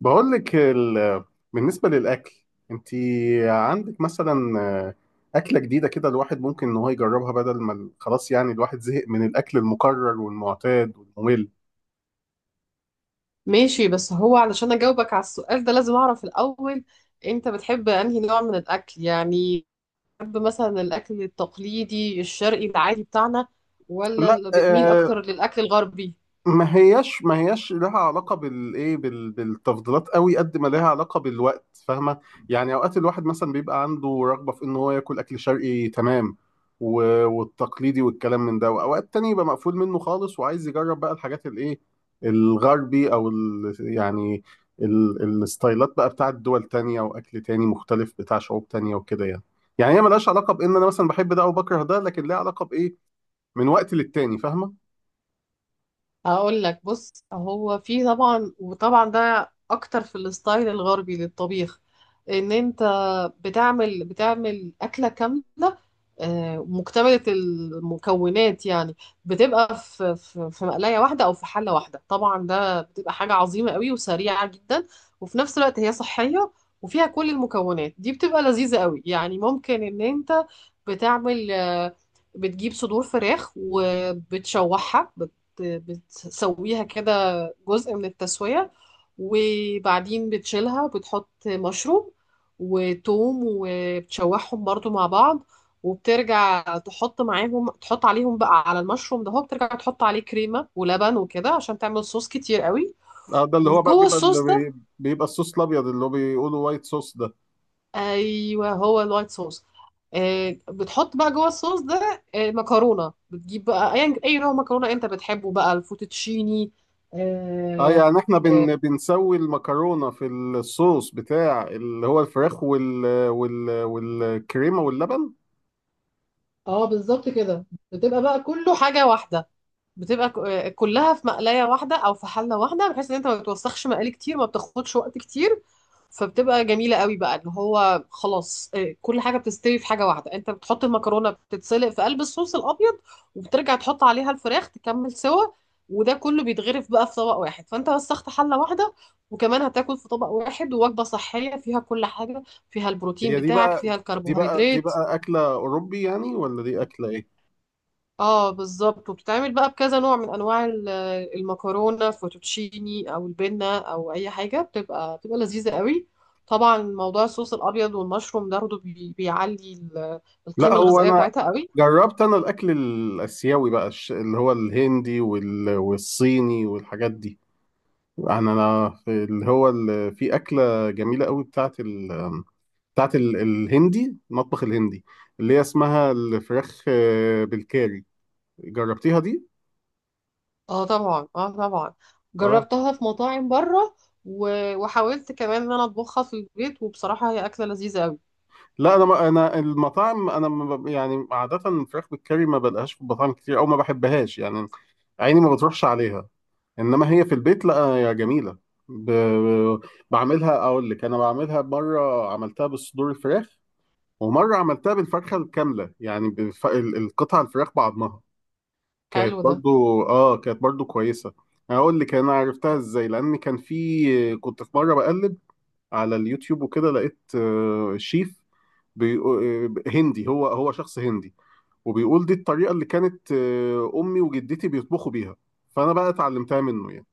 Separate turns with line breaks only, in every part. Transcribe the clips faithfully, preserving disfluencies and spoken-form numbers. بقول لك ال... بالنسبة للأكل، أنت عندك مثلا آه، أكلة جديدة كده الواحد ممكن إن هو يجربها بدل ما ال- خلاص، يعني الواحد زهق من الأكل المكرر والمعتاد والممل.
ماشي، بس هو علشان اجاوبك على السؤال ده لازم اعرف الاول. انت بتحب انهي نوع من الاكل يعني؟ بتحب مثلا الاكل التقليدي الشرقي العادي بتاعنا، ولا
لا،
اللي بتميل
آه،
اكتر للاكل الغربي؟
ما هياش ما هياش لها علاقة بالايه بال- بالتفضيلات قوي قد ما لها علاقة بالوقت، فاهمة؟ يعني اوقات الواحد مثلا بيبقى عنده رغبة في ان هو ياكل اكل شرقي، تمام، و- والتقليدي والكلام من ده، واوقات تاني يبقى مقفول منه خالص وعايز يجرب بقى الحاجات الايه، الغربي او ال يعني، ال- الستايلات بقى بتاعت دول تانية واكل تاني مختلف بتاع شعوب تانية وكده يعني. يعني هي ملهاش علاقة بان انا مثلا بحب ده او بكره ده، لكن ليها علاقة بايه، من وقت للتاني، فاهمة؟
هقول لك، بص، هو في طبعا وطبعا ده اكتر في الستايل الغربي للطبيخ، ان انت بتعمل بتعمل اكله كامله، آه، مكتمله المكونات. يعني بتبقى في في في مقلايه واحده او في حله واحده، طبعا ده بتبقى حاجه عظيمه قوي وسريعه جدا، وفي نفس الوقت هي صحيه، وفيها كل المكونات دي بتبقى لذيذه قوي. يعني ممكن ان انت بتعمل آه، بتجيب صدور فراخ وبتشوحها، بتسويها كده جزء من التسوية، وبعدين بتشيلها، بتحط مشروم وتوم وبتشوحهم برضو مع بعض، وبترجع تحط معاهم، تحط عليهم بقى، على المشروم ده هو بترجع تحط عليه كريمة ولبن وكده عشان تعمل صوص كتير قوي
اه، ده اللي هو بقى
وجوه
بيبقى اللي
الصوص ده.
بي- بيبقى الصوص الابيض، اللي هو بيقولوا وايت صوص ده.
ايوه، هو الوايت صوص. آه، بتحط بقى جوه الصوص ده آه، مكرونه، بتجيب بقى اي أي نوع مكرونه انت بتحبه، بقى الفوتوتشيني.
اه
آه،
يعني احنا
آه،
بن بنسوي المكرونه في الصوص بتاع اللي هو الفراخ وال وال والكريمه واللبن.
اه، بالظبط كده، بتبقى بقى كله حاجة واحدة، بتبقى ك- آه، كلها في مقلاية واحدة او في حلة واحدة، بحيث ان انت ما بتوسخش مقالي كتير، ما بتاخدش وقت كتير، فبتبقى جميلة قوي بقى، اللي هو خلاص، آه، كل حاجة بتستوي في حاجة واحدة. انت بتحط المكرونة بتتسلق في قلب الصوص الابيض، وبترجع تحط عليها الفراخ تكمل سوا، وده كله بيتغرف بقى في طبق واحد، فانت وسخت حلة واحدة، وكمان هتاكل في طبق واحد، ووجبة صحية فيها كل حاجة، فيها البروتين
هي دي
بتاعك،
بقى
فيها
دي بقى دي
الكربوهيدرات.
بقى اكله اوروبي يعني، ولا دي اكله ايه؟
اه، بالظبط، وبتتعمل بقى بكذا نوع من انواع ال- المكرونه، فوتوتشيني او البنه او اي حاجه، بتبقى بتبقى لذيذه قوي. طبعا موضوع الصوص الابيض والمشروم ده برضه بي- بيعلي ال-
لا
القيمه
هو
الغذائيه
انا
بتاعتها قوي.
جربت، انا الاكل الاسيوي بقى، الش- اللي هو الهندي وال والصيني والحاجات دي. يعني انا في اللي هو ال- في اكله جميله قوي بتاعت بتاعت ال- الهندي، المطبخ الهندي، اللي هي اسمها الفراخ آه، بالكاري. جربتيها دي؟
اه طبعا، اه طبعا،
اه.
جربتها في مطاعم بره. و- وحاولت كمان ان انا اطبخها في البيت، وبصراحه هي اكله لذيذه قوي.
لا انا، ما انا المطاعم انا ما ب- يعني عاده الفراخ بالكاري ما بلقاش في المطاعم كتير، او ما بحبهاش يعني، عيني ما بتروحش عليها. انما هي في البيت، لا يا جميله. ب... بعملها، اقول لك انا بعملها. مره عملتها بالصدور الفراخ، ومره عملتها بالفرخه الكامله، يعني بالف... ال- القطع الفراخ بعضمها، كانت
حلو ده.
برضو، اه، كانت برضو كويسة. هقول لك انا عرفتها ازاي. لان كان في كنت في مرة بقلب على اليوتيوب وكده، لقيت آه، شيف، بيقو- آه، هندي، هو هو شخص هندي، وبيقول دي الطريقة اللي كانت آه، امي وجدتي بيطبخوا بيها، فانا بقى اتعلمتها منه يعني.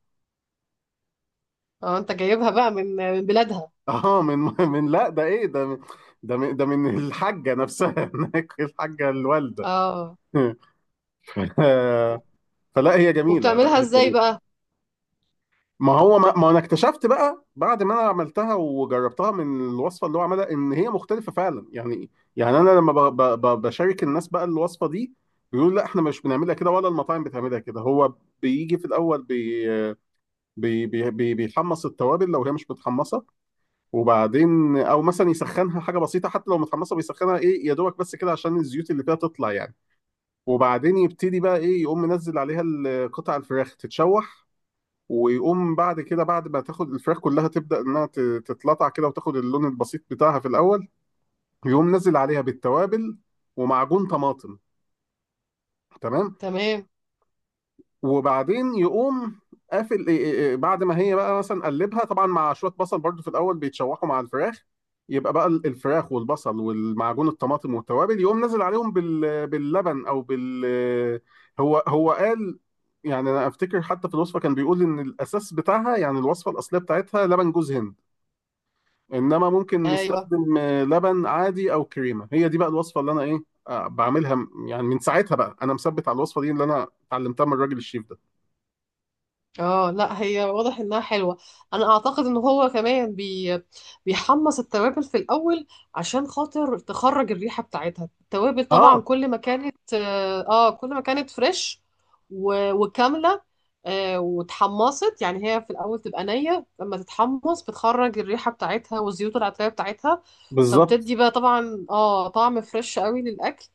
اه، انت جايبها بقى من من بلادها.
اه، من، من، لا ده ايه، ده من، ده من، ده من الحاجة نفسها. هناك الحاجة الوالدة.
اه،
آه، فلا هي جميلة، لا
وبتعملها
هي
ازاي
جميلة.
بقى؟
ما هو، ما, ما انا اكتشفت بقى بعد ما انا عملتها وجربتها من الوصفه اللي هو عملها، ان هي مختلفه فعلا يعني. يعني انا لما ب, ب, ب, بشارك الناس بقى الوصفه دي، بيقولوا لا احنا مش بنعملها كده، ولا المطاعم بتعملها كده. هو بيجي في الاول بي بي بي بي بيحمص التوابل لو هي مش متحمصه، وبعدين او مثلا يسخنها حاجه بسيطه، حتى لو متحمصه بيسخنها ايه، يا دوبك بس كده عشان الزيوت اللي فيها تطلع يعني. وبعدين يبتدي بقى ايه، يقوم منزل عليها ال- قطع الفراخ تتشوح. ويقوم بعد كده، بعد ما تاخد الفراخ كلها تبدأ انها ت- تتلطع كده وتاخد اللون البسيط بتاعها في الاول، يقوم نزل عليها بالتوابل ومعجون طماطم، تمام.
تمام،
وبعدين يقوم قافل، إيه إيه إيه، بعد ما هي بقى مثلا قلبها، طبعا مع شوية بصل برضو في الاول بيتشوحوا مع الفراخ، يبقى بقى ال- الفراخ والبصل والمعجون الطماطم والتوابل، يقوم نزل عليهم بال... باللبن او بال، هو هو قال، يعني انا افتكر حتى في الوصفه كان بيقول ان الاساس بتاعها، يعني الوصفه الاصليه بتاعتها لبن جوز هند، انما ممكن
ايوه.
نستخدم آه، لبن عادي او كريمه. هي دي بقى الوصفه اللي انا ايه، آه، بعملها. م- يعني من ساعتها بقى انا مثبت على الوصفه دي اللي انا اتعلمتها من الراجل الشيف ده.
اه لا، هي واضح انها حلوه. انا اعتقد ان هو كمان بي بيحمص التوابل في الاول، عشان خاطر تخرج الريحه بتاعتها. التوابل طبعا،
اه
كل ما كانت اه، آه، كل ما كانت فريش و- وكامله آه وتحمصت، يعني هي في الاول تبقى نيه، لما تتحمص بتخرج الريحه بتاعتها والزيوت العطريه بتاعتها،
بالظبط.
فبتدي بقى طبعا اه طعم فريش قوي للاكل.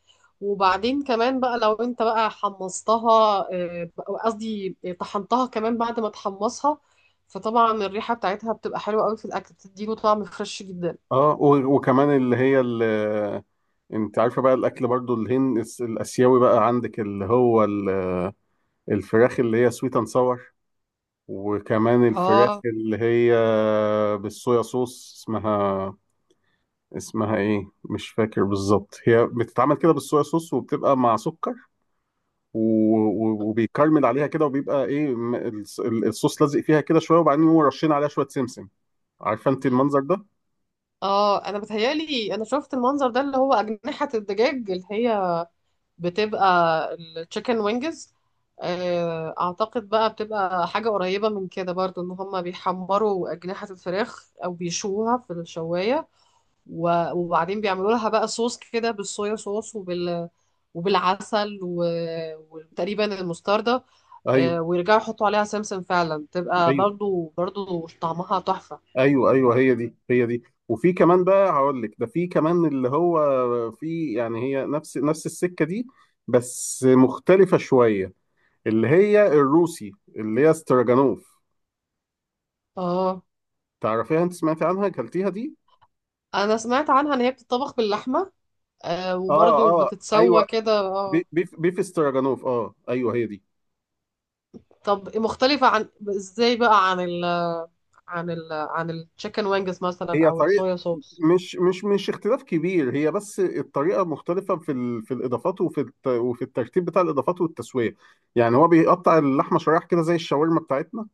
وبعدين كمان بقى لو انت بقى حمصتها، آه، قصدي طحنتها كمان بعد ما تحمصها، فطبعا الريحة بتاعتها بتبقى حلوة قوي في الأكل، بتديله طعم فريش جدا.
اه و- وكمان اللي هي، اللي انت عارفه بقى الاكل برضو الهند، الس- الاسيوي بقى، عندك اللي هو ال- آه، الفراخ اللي هي سويت اند ساور، وكمان الفراخ
اه
اللي هي بالصويا صوص، اسمها اسمها ايه مش فاكر بالظبط، هي بتتعمل كده بالصويا صوص وبتبقى مع سكر، و- و- وبيكرمل عليها كده، وبيبقى ايه، م- الص- الصوص لازق فيها كده شويه، وبعدين يقوموا رشين عليها شويه سمسم. عارفه انت المنظر ده؟
اه، انا بتهيالي انا شفت المنظر ده، اللي هو أجنحة الدجاج اللي هي بتبقى التشيكن وينجز. اعتقد بقى بتبقى حاجة قريبة من كده برضو، ان هما بيحمروا أجنحة الفراخ او بيشوها في الشواية، و- وبعدين بيعملوا لها بقى صوص كده بالصويا صوص وبال، وبالعسل، و... وتقريبا المستردة.
ايوه،
آه، ويرجعوا يحطوا عليها سمسم، فعلا تبقى
ايوه،
برضو برضو طعمها تحفة.
ايوه، ايوه، هي دي هي دي. وفي كمان بقى، هقول لك ده في كمان اللي هو، في يعني هي نفس نفس السكه دي بس مختلفه شويه، اللي هي الروسي، اللي هي استراجانوف.
اه،
تعرفيها انت؟ سمعتي عنها؟ اكلتيها دي؟
انا سمعت عنها ان هي بتطبخ باللحمة آه،
اه،
وبرضو
اه،
بتتسوى
ايوه.
كده
بي-
اه.
بيف بيف استراجانوف، اه ايوه هي دي.
طب مختلفة عن، ازاي بقى عن ال عن ال عن التشيكن وينجز مثلا
هي
او
طريقه،
الصويا صوص؟
مش مش مش اختلاف كبير، هي بس الطريقه مختلفه في ال... في الاضافات، وفي الت... وفي الترتيب بتاع الاضافات والتسويه. يعني هو بيقطع اللحمه شرايح كده زي الشاورما بتاعتنا،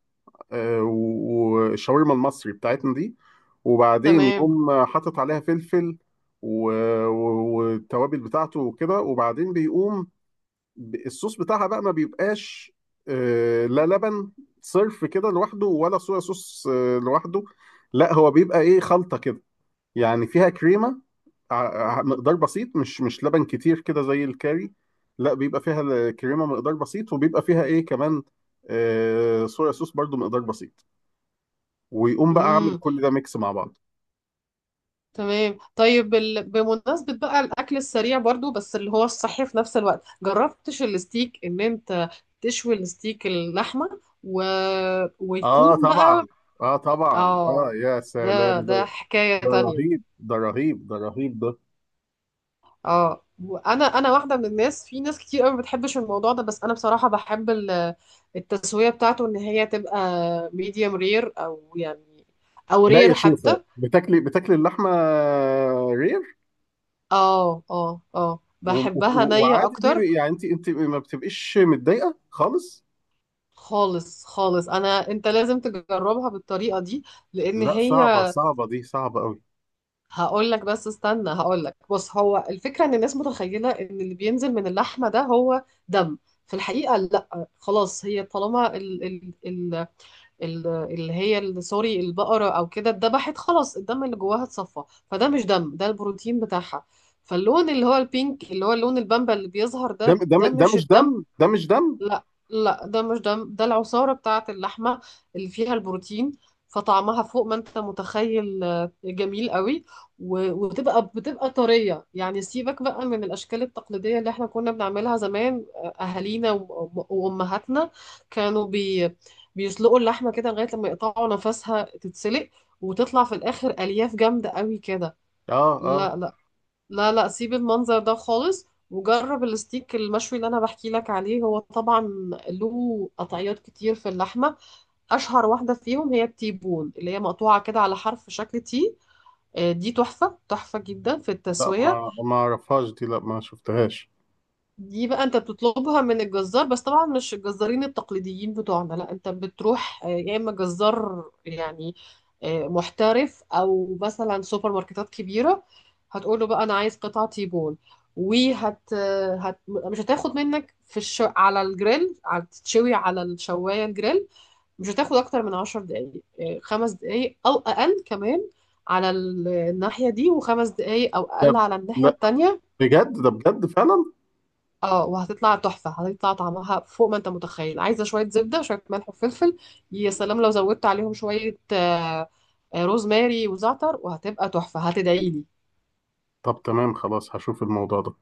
آه، و- والشاورما المصري بتاعتنا دي، وبعدين
تمام.
يقوم حاطط عليها فلفل و... و- والتوابل بتاعته وكده، وبعدين بيقوم، ب- الصوص بتاعها بقى ما بيبقاش آه، لا لبن صرف كده لوحده، ولا صويا صوص آه، لوحده، لا هو بيبقى ايه، خلطه كده، يعني فيها كريمه، ع- ع- مقدار بسيط، مش مش لبن كتير كده زي الكاري، لا بيبقى فيها الكريمه مقدار بسيط، وبيبقى فيها ايه كمان، آه صويا صوص برضو مقدار بسيط، ويقوم بقى عامل
امم،
كل ده ميكس مع بعض.
تمام. طيب ال... بمناسبة بقى الأكل السريع برضو، بس اللي هو الصحي في نفس الوقت، جربتش الستيك إن أنت تشوي الستيك، اللحمة، و...
اه
ويكون
طبعا،
بقى
اه طبعا، اه
آه
يا
ده
سلام
ده
ده،
حكاية
ده
تانية.
رهيب، ده رهيب، ده رهيب ده.
آه وأنا أنا واحدة من الناس، في ناس كتير قوي ما بتحبش الموضوع ده، بس أنا بصراحة بحب ال- التسوية بتاعته، إن هي تبقى ميديوم رير، أو يعني أو
لا يا
رير
شيخة،
حتى.
بتاكلي بتاكلي اللحمه رير؟
آه آه آه،
و-
بحبها
و-
نية
وعادي دي،
أكتر.
بي- يعني انت انت ما بتبقيش متضايقه خالص؟
خالص خالص، انا، انت لازم تجربها بالطريقه دي، لان
لا
هي،
صعبه، صعبه دي، صعبه قوي.
هقول لك، بس استنى، هقول لك، بص، هو الفكره ان الناس متخيله ان اللي بينزل من اللحمه ده هو دم. في الحقيقه لا، خلاص هي طالما ال ال ال ال اللي هي ال- سوري، البقره او كده اتذبحت، خلاص الدم اللي جواها اتصفى، فده مش دم، ده البروتين بتاعها. فاللون اللي هو البينك، اللي هو اللون البامبا اللي بيظهر
دم،
ده
دم،
ده
ده
مش
مش دم،
الدم.
ده مش دم.
لا لا، ده مش ده ده العصارة بتاعة اللحمة اللي فيها البروتين، فطعمها فوق ما انت متخيل آه، جميل قوي. و- وبتبقى بتبقى طرية، يعني سيبك بقى من الأشكال التقليدية اللي احنا كنا بنعملها زمان، آه، أهالينا وأم- وأمهاتنا كانوا بي بيسلقوا اللحمة كده، لغاية لما يقطعوا نفسها تتسلق، وتطلع في الآخر ألياف جامدة قوي كده.
اه اه،
لا لا، لا لا، سيب المنظر ده خالص وجرب الستيك المشوي اللي انا بحكي لك عليه. هو طبعا له قطعيات كتير في اللحمه، اشهر واحده فيهم هي التيبون، اللي هي مقطوعه كده على حرف شكل تي. آه، دي تحفه، تحفه جدا في
لا
التسويه.
ما ما اعرفهاش دي، لا ما شفتهاش.
دي بقى انت بتطلبها من الجزار، بس طبعا مش الجزارين التقليديين بتوعنا، لا انت بتروح آه، يا اما جزار يعني آه، محترف، او مثلا سوبر ماركتات كبيره. هتقول له بقى انا عايز قطعه تيبول، وهت آه، هت... مش هتاخد منك في الش... على الجريل، على تتشوي على الشوايه الجريل، مش هتاخد اكتر من عشر دقايق، آه، خمس دقايق او اقل كمان على ال- الناحيه دي، وخمس دقايق او
ده
اقل
ب-
على الناحيه
لا
التانيه.
بجد، ده بجد فعلا؟
اه، وهتطلع تحفة، هتطلع طعمها فوق ما انت متخيل، عايزة شوية زبدة، شوية ملح وفلفل. يا سلام لو زودت عليهم شوية آه، آه، روزماري وزعتر، وهتبقى تحفة هتدعيلي.
طب تمام، خلاص، هشوف الموضوع ده.